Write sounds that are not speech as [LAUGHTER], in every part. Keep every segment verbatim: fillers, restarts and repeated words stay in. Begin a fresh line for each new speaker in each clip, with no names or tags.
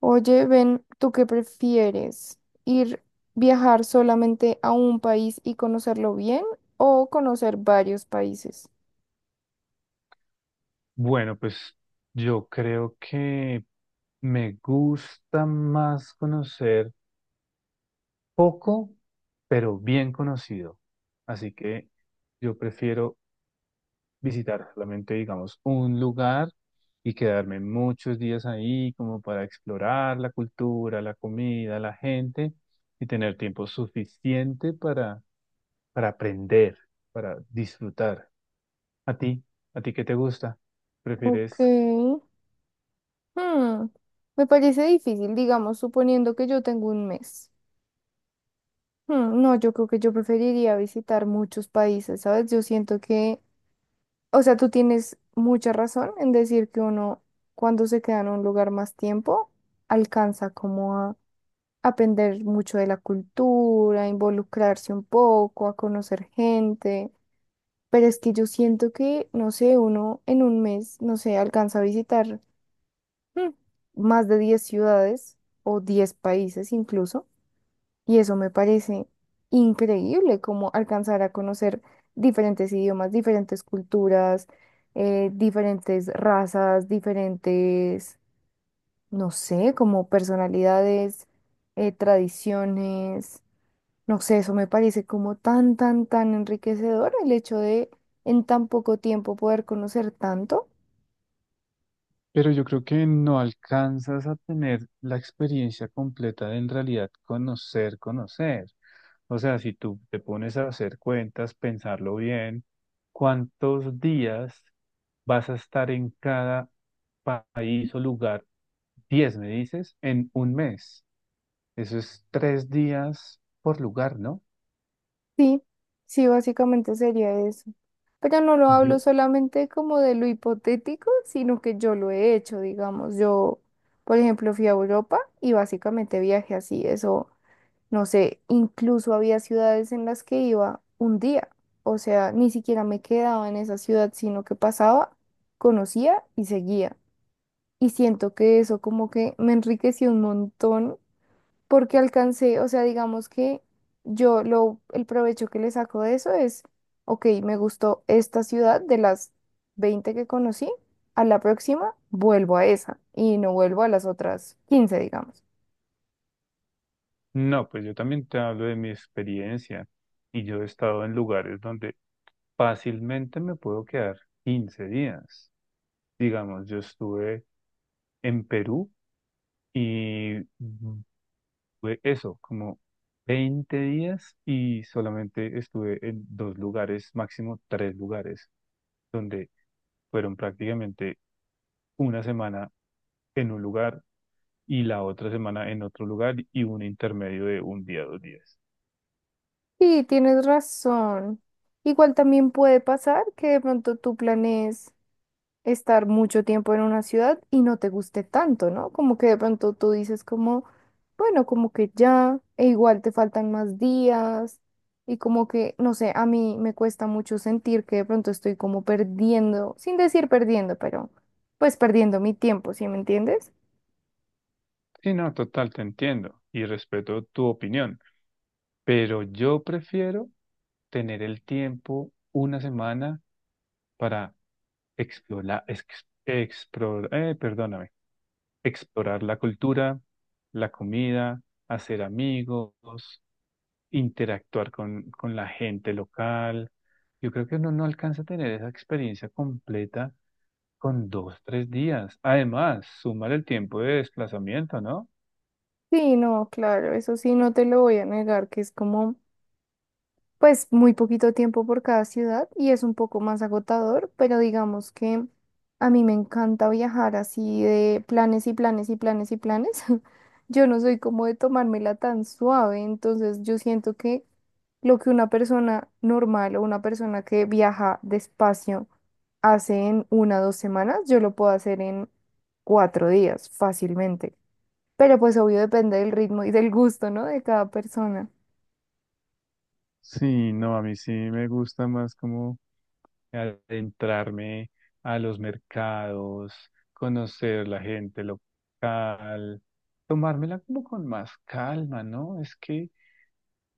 Oye, ven, ¿tú qué prefieres? ¿Ir viajar solamente a un país y conocerlo bien o conocer varios países?
Bueno, pues yo creo que me gusta más conocer poco, pero bien conocido. Así que yo prefiero visitar solamente, digamos, un lugar y quedarme muchos días ahí como para explorar la cultura, la comida, la gente y tener tiempo suficiente para, para aprender, para disfrutar. ¿A ti? ¿A ti qué te gusta?
Ok.
¿Prefieres
Hmm, Me parece difícil, digamos, suponiendo que yo tengo un mes. Hmm, no, yo creo que yo preferiría visitar muchos países, ¿sabes? Yo siento que, o sea, tú tienes mucha razón en decir que uno, cuando se queda en un lugar más tiempo, alcanza como aprender mucho de la cultura, involucrarse un poco, a conocer gente. Pero es que yo siento que, no sé, uno en un mes, no sé, alcanza a visitar mm, más de diez ciudades o diez países incluso. Y eso me parece increíble, como alcanzar a conocer diferentes idiomas, diferentes culturas, eh, diferentes razas, diferentes, no sé, como personalidades, eh, tradiciones. No sé, eso me parece como tan, tan, tan enriquecedor el hecho de en tan poco tiempo poder conocer tanto.
Pero yo creo que no alcanzas a tener la experiencia completa de en realidad conocer, conocer. O sea, si tú te pones a hacer cuentas, pensarlo bien, ¿cuántos días vas a estar en cada pa- país o lugar? Diez, me dices, en un mes. Eso es tres días por lugar, ¿no?
Sí, sí, básicamente sería eso. Pero no lo hablo
Yo.
solamente como de lo hipotético, sino que yo lo he hecho, digamos. Yo, por ejemplo, fui a Europa y básicamente viajé así, eso, no sé, incluso había ciudades en las que iba un día. O sea, ni siquiera me quedaba en esa ciudad, sino que pasaba, conocía y seguía. Y siento que eso como que me enriqueció un montón porque alcancé, o sea, digamos que yo lo, el provecho que le saco de eso es, ok, me gustó esta ciudad de las veinte que conocí, a la próxima vuelvo a esa y no vuelvo a las otras quince digamos.
No, pues yo también te hablo de mi experiencia y yo he estado en lugares donde fácilmente me puedo quedar quince días. Digamos, yo estuve en Perú y fue eso, como veinte días y solamente estuve en dos lugares, máximo tres lugares, donde fueron prácticamente una semana en un lugar y la otra semana en otro lugar y un intermedio de un día, dos días.
Sí, tienes razón. Igual también puede pasar que de pronto tú planees. estar mucho tiempo en una ciudad y no te guste tanto, ¿no? Como que de pronto tú dices como, bueno, como que ya, e igual te faltan más días y como que, no sé, a mí me cuesta mucho sentir que de pronto estoy como perdiendo, sin decir perdiendo, pero pues perdiendo mi tiempo, ¿sí me entiendes?
Sí, no, total, te entiendo y respeto tu opinión, pero yo prefiero tener el tiempo una semana para explorar, perdóname, explorar la cultura, la comida, hacer amigos, interactuar con, con la gente local. Yo creo que uno no alcanza a tener esa experiencia completa con dos, tres días. Además, sumar el tiempo de desplazamiento, ¿no?
Sí, no, claro, eso sí, no te lo voy a negar, que es como... pues muy poquito tiempo por cada ciudad y es un poco más agotador, pero digamos que a mí me encanta viajar así de planes y planes y planes y planes. [LAUGHS] Yo no soy como de tomármela tan suave, entonces yo siento que lo que una persona normal o una persona que viaja despacio hace en una o dos semanas, yo lo puedo hacer en cuatro días fácilmente. Pero pues obvio depende del ritmo y del gusto, ¿no? De cada persona.
Sí, no, a mí sí me gusta más... como... Adentrarme a los mercados, conocer la gente local, tomármela como con más calma, ¿no? Es que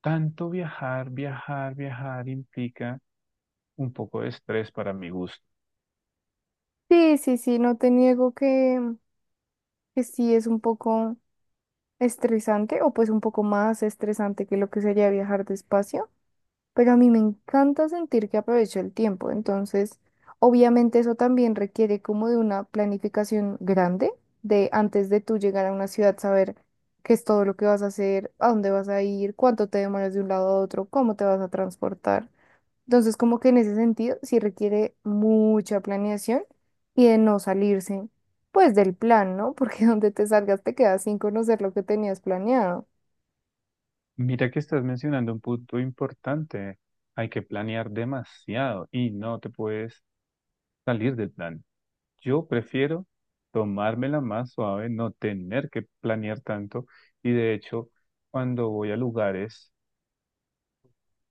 tanto viajar, viajar, viajar implica un poco de estrés para mi gusto.
Sí, sí, sí, no te niego que que sí es un poco estresante o pues un poco más estresante que lo que sería viajar despacio, pero a mí me encanta sentir que aprovecho el tiempo, entonces obviamente eso también requiere como de una planificación grande de antes de tú llegar a una ciudad saber qué es todo lo que vas a hacer, a dónde vas a ir, cuánto te demoras de un lado a otro, cómo te vas a transportar. Entonces, como que en ese sentido, sí requiere mucha planeación y de no salirse, pues, del plan, ¿no? Porque [LAUGHS] donde te salgas te quedas sin conocer lo que tenías planeado.
Mira que estás mencionando un punto importante. Hay que planear demasiado y no te puedes salir del plan. Yo prefiero tomármela más suave, no tener que planear tanto y de hecho, cuando voy a lugares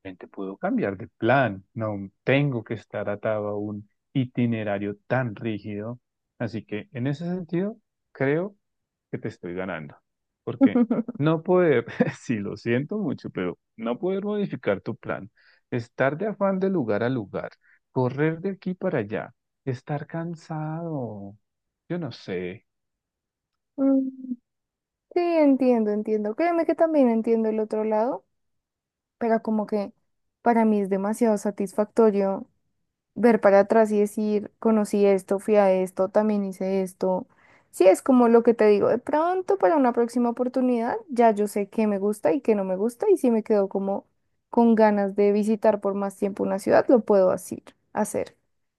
Gente, puedo cambiar de plan, no tengo que estar atado a un itinerario tan rígido. Así que en ese sentido, creo que te estoy ganando, porque
[LAUGHS]
no poder, [LAUGHS] sí lo siento mucho, pero no poder modificar tu plan, estar de afán de lugar a lugar, correr de aquí para allá, estar cansado, yo no sé.
Mm, sí, entiendo, entiendo. Créeme que también entiendo el otro lado, pero como que para mí es demasiado satisfactorio ver para atrás y decir, conocí esto, fui a esto, también hice esto. Sí, es como lo que te digo, de pronto para una próxima oportunidad ya yo sé qué me gusta y qué no me gusta y si me quedo como con ganas de visitar por más tiempo una ciudad, lo puedo así, hacer.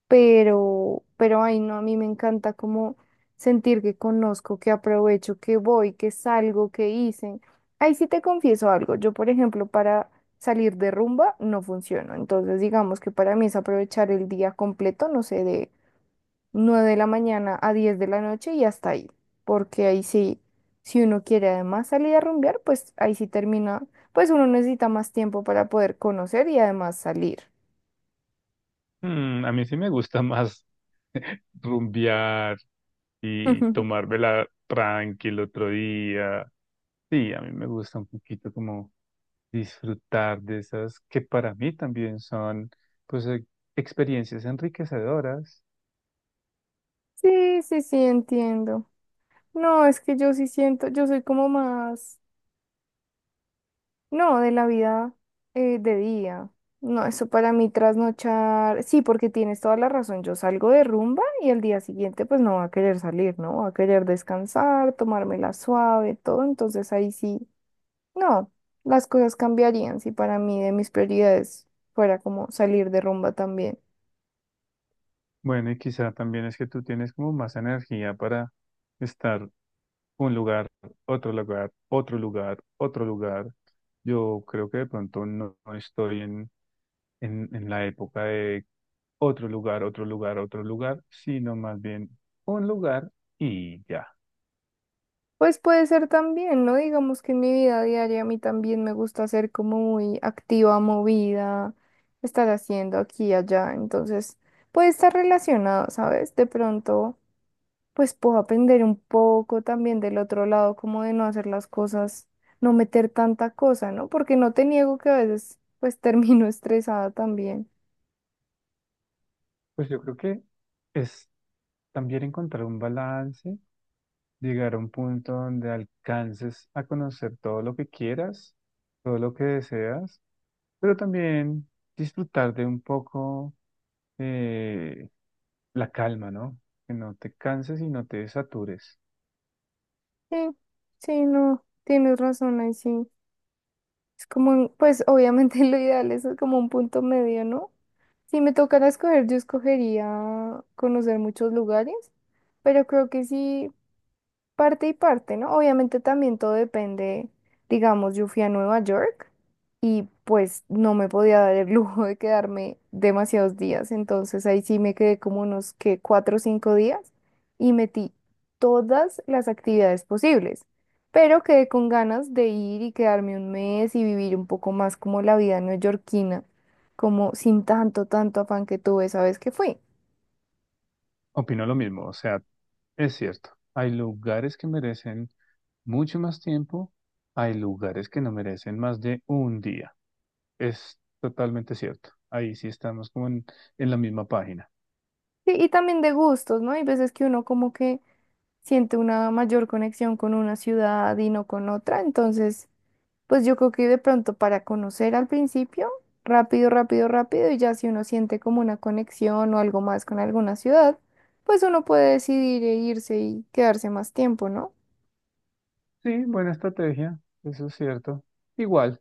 Pero, pero ay no, a mí me encanta como sentir que conozco, que aprovecho, que voy, que salgo, que hice. Ahí sí te confieso algo, yo por ejemplo para salir de rumba no funciona. Entonces, digamos que para mí es aprovechar el día completo, no sé, de nueve de la mañana a diez de la noche y hasta ahí. Porque ahí sí, si uno quiere además salir a rumbear, pues ahí sí termina, pues uno necesita más tiempo para poder conocer y además salir.
Mm, a mí sí me gusta más [LAUGHS] rumbear, y
[LAUGHS]
tomármela tranqui el otro día. Sí, a mí me gusta un poquito como disfrutar de esas que para mí también son pues e- experiencias enriquecedoras.
Sí, sí, sí, entiendo. No, es que yo sí siento, yo soy como más... No, de la vida eh, de día. No, eso para mí trasnochar. Sí, porque tienes toda la razón. Yo salgo de rumba y al día siguiente pues no va a querer salir, ¿no? Va a querer descansar, tomármela suave, todo. Entonces ahí sí, no, las cosas cambiarían si para mí de mis prioridades fuera como salir de rumba también.
Bueno, y quizá también es que tú tienes como más energía para estar un lugar, otro lugar, otro lugar, otro lugar. Yo creo que de pronto no, no estoy en, en, en la época de otro lugar, otro lugar, otro lugar, sino más bien un lugar y ya.
Pues puede ser también, ¿no? Digamos que en mi vida diaria a mí también me gusta ser como muy activa, movida, estar haciendo aquí y allá. Entonces, puede estar relacionado, ¿sabes? De pronto, pues puedo aprender un poco también del otro lado, como de no hacer las cosas, no meter tanta cosa, ¿no? Porque no te niego que a veces, pues [LAUGHS] termino estresada también.
Pues yo creo que es también encontrar un balance, llegar a un punto donde alcances a conocer todo lo que quieras, todo lo que deseas, pero también disfrutar de un poco, eh, la calma, ¿no? Que no te canses y no te satures.
Sí, sí, no, tienes razón ahí sí. Es como, un- pues obviamente [LAUGHS] lo ideal es como un punto medio, ¿no? Si me tocara escoger, yo escogería conocer muchos lugares, pero creo que sí. Parte y parte, ¿no? Obviamente también todo depende, digamos, yo fui a Nueva York y pues no me podía dar el [LAUGHS] lujo de quedarme demasiados días, entonces ahí sí me quedé como unos que cuatro o cinco días y metí todas las actividades posibles, pero quedé con ganas de ir y quedarme un mes y vivir un poco más como la vida neoyorquina, como sin tanto, tanto afán que tuve, ¿sabes? Que fui.
Opino lo mismo, o sea, es cierto, hay lugares que merecen mucho más tiempo, hay lugares que no merecen más de un día. Es totalmente cierto. Ahí sí estamos como en en la misma página.
Sí, y también de gustos, ¿no? Hay veces que uno como que siento una mayor conexión con una ciudad y no con otra. Entonces, pues yo creo que de pronto para conocer al principio, rápido, rápido, rápido, y ya si uno siente como una conexión o algo más con alguna ciudad, pues uno puede decidir e irse y quedarse más tiempo, ¿no?
Sí, buena estrategia, eso es cierto. Igual,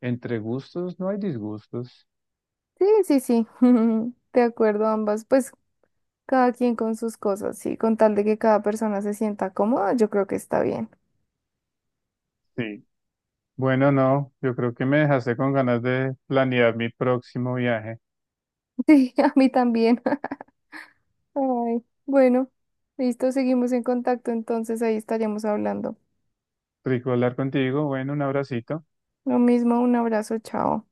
entre gustos no hay disgustos.
Sí, sí, sí, [LAUGHS] de acuerdo ambas, pues cada quien con sus cosas, sí, con tal de que cada persona se sienta cómoda, yo creo que está bien. [LAUGHS]
Sí. Bueno, no, yo creo que me dejaste con ganas de planear mi próximo viaje.
Sí, a mí también. Ay, bueno, listo, seguimos en contacto, entonces ahí estaremos hablando.
Rico hablar contigo, bueno, un abracito.
Lo mismo, un abrazo, chao.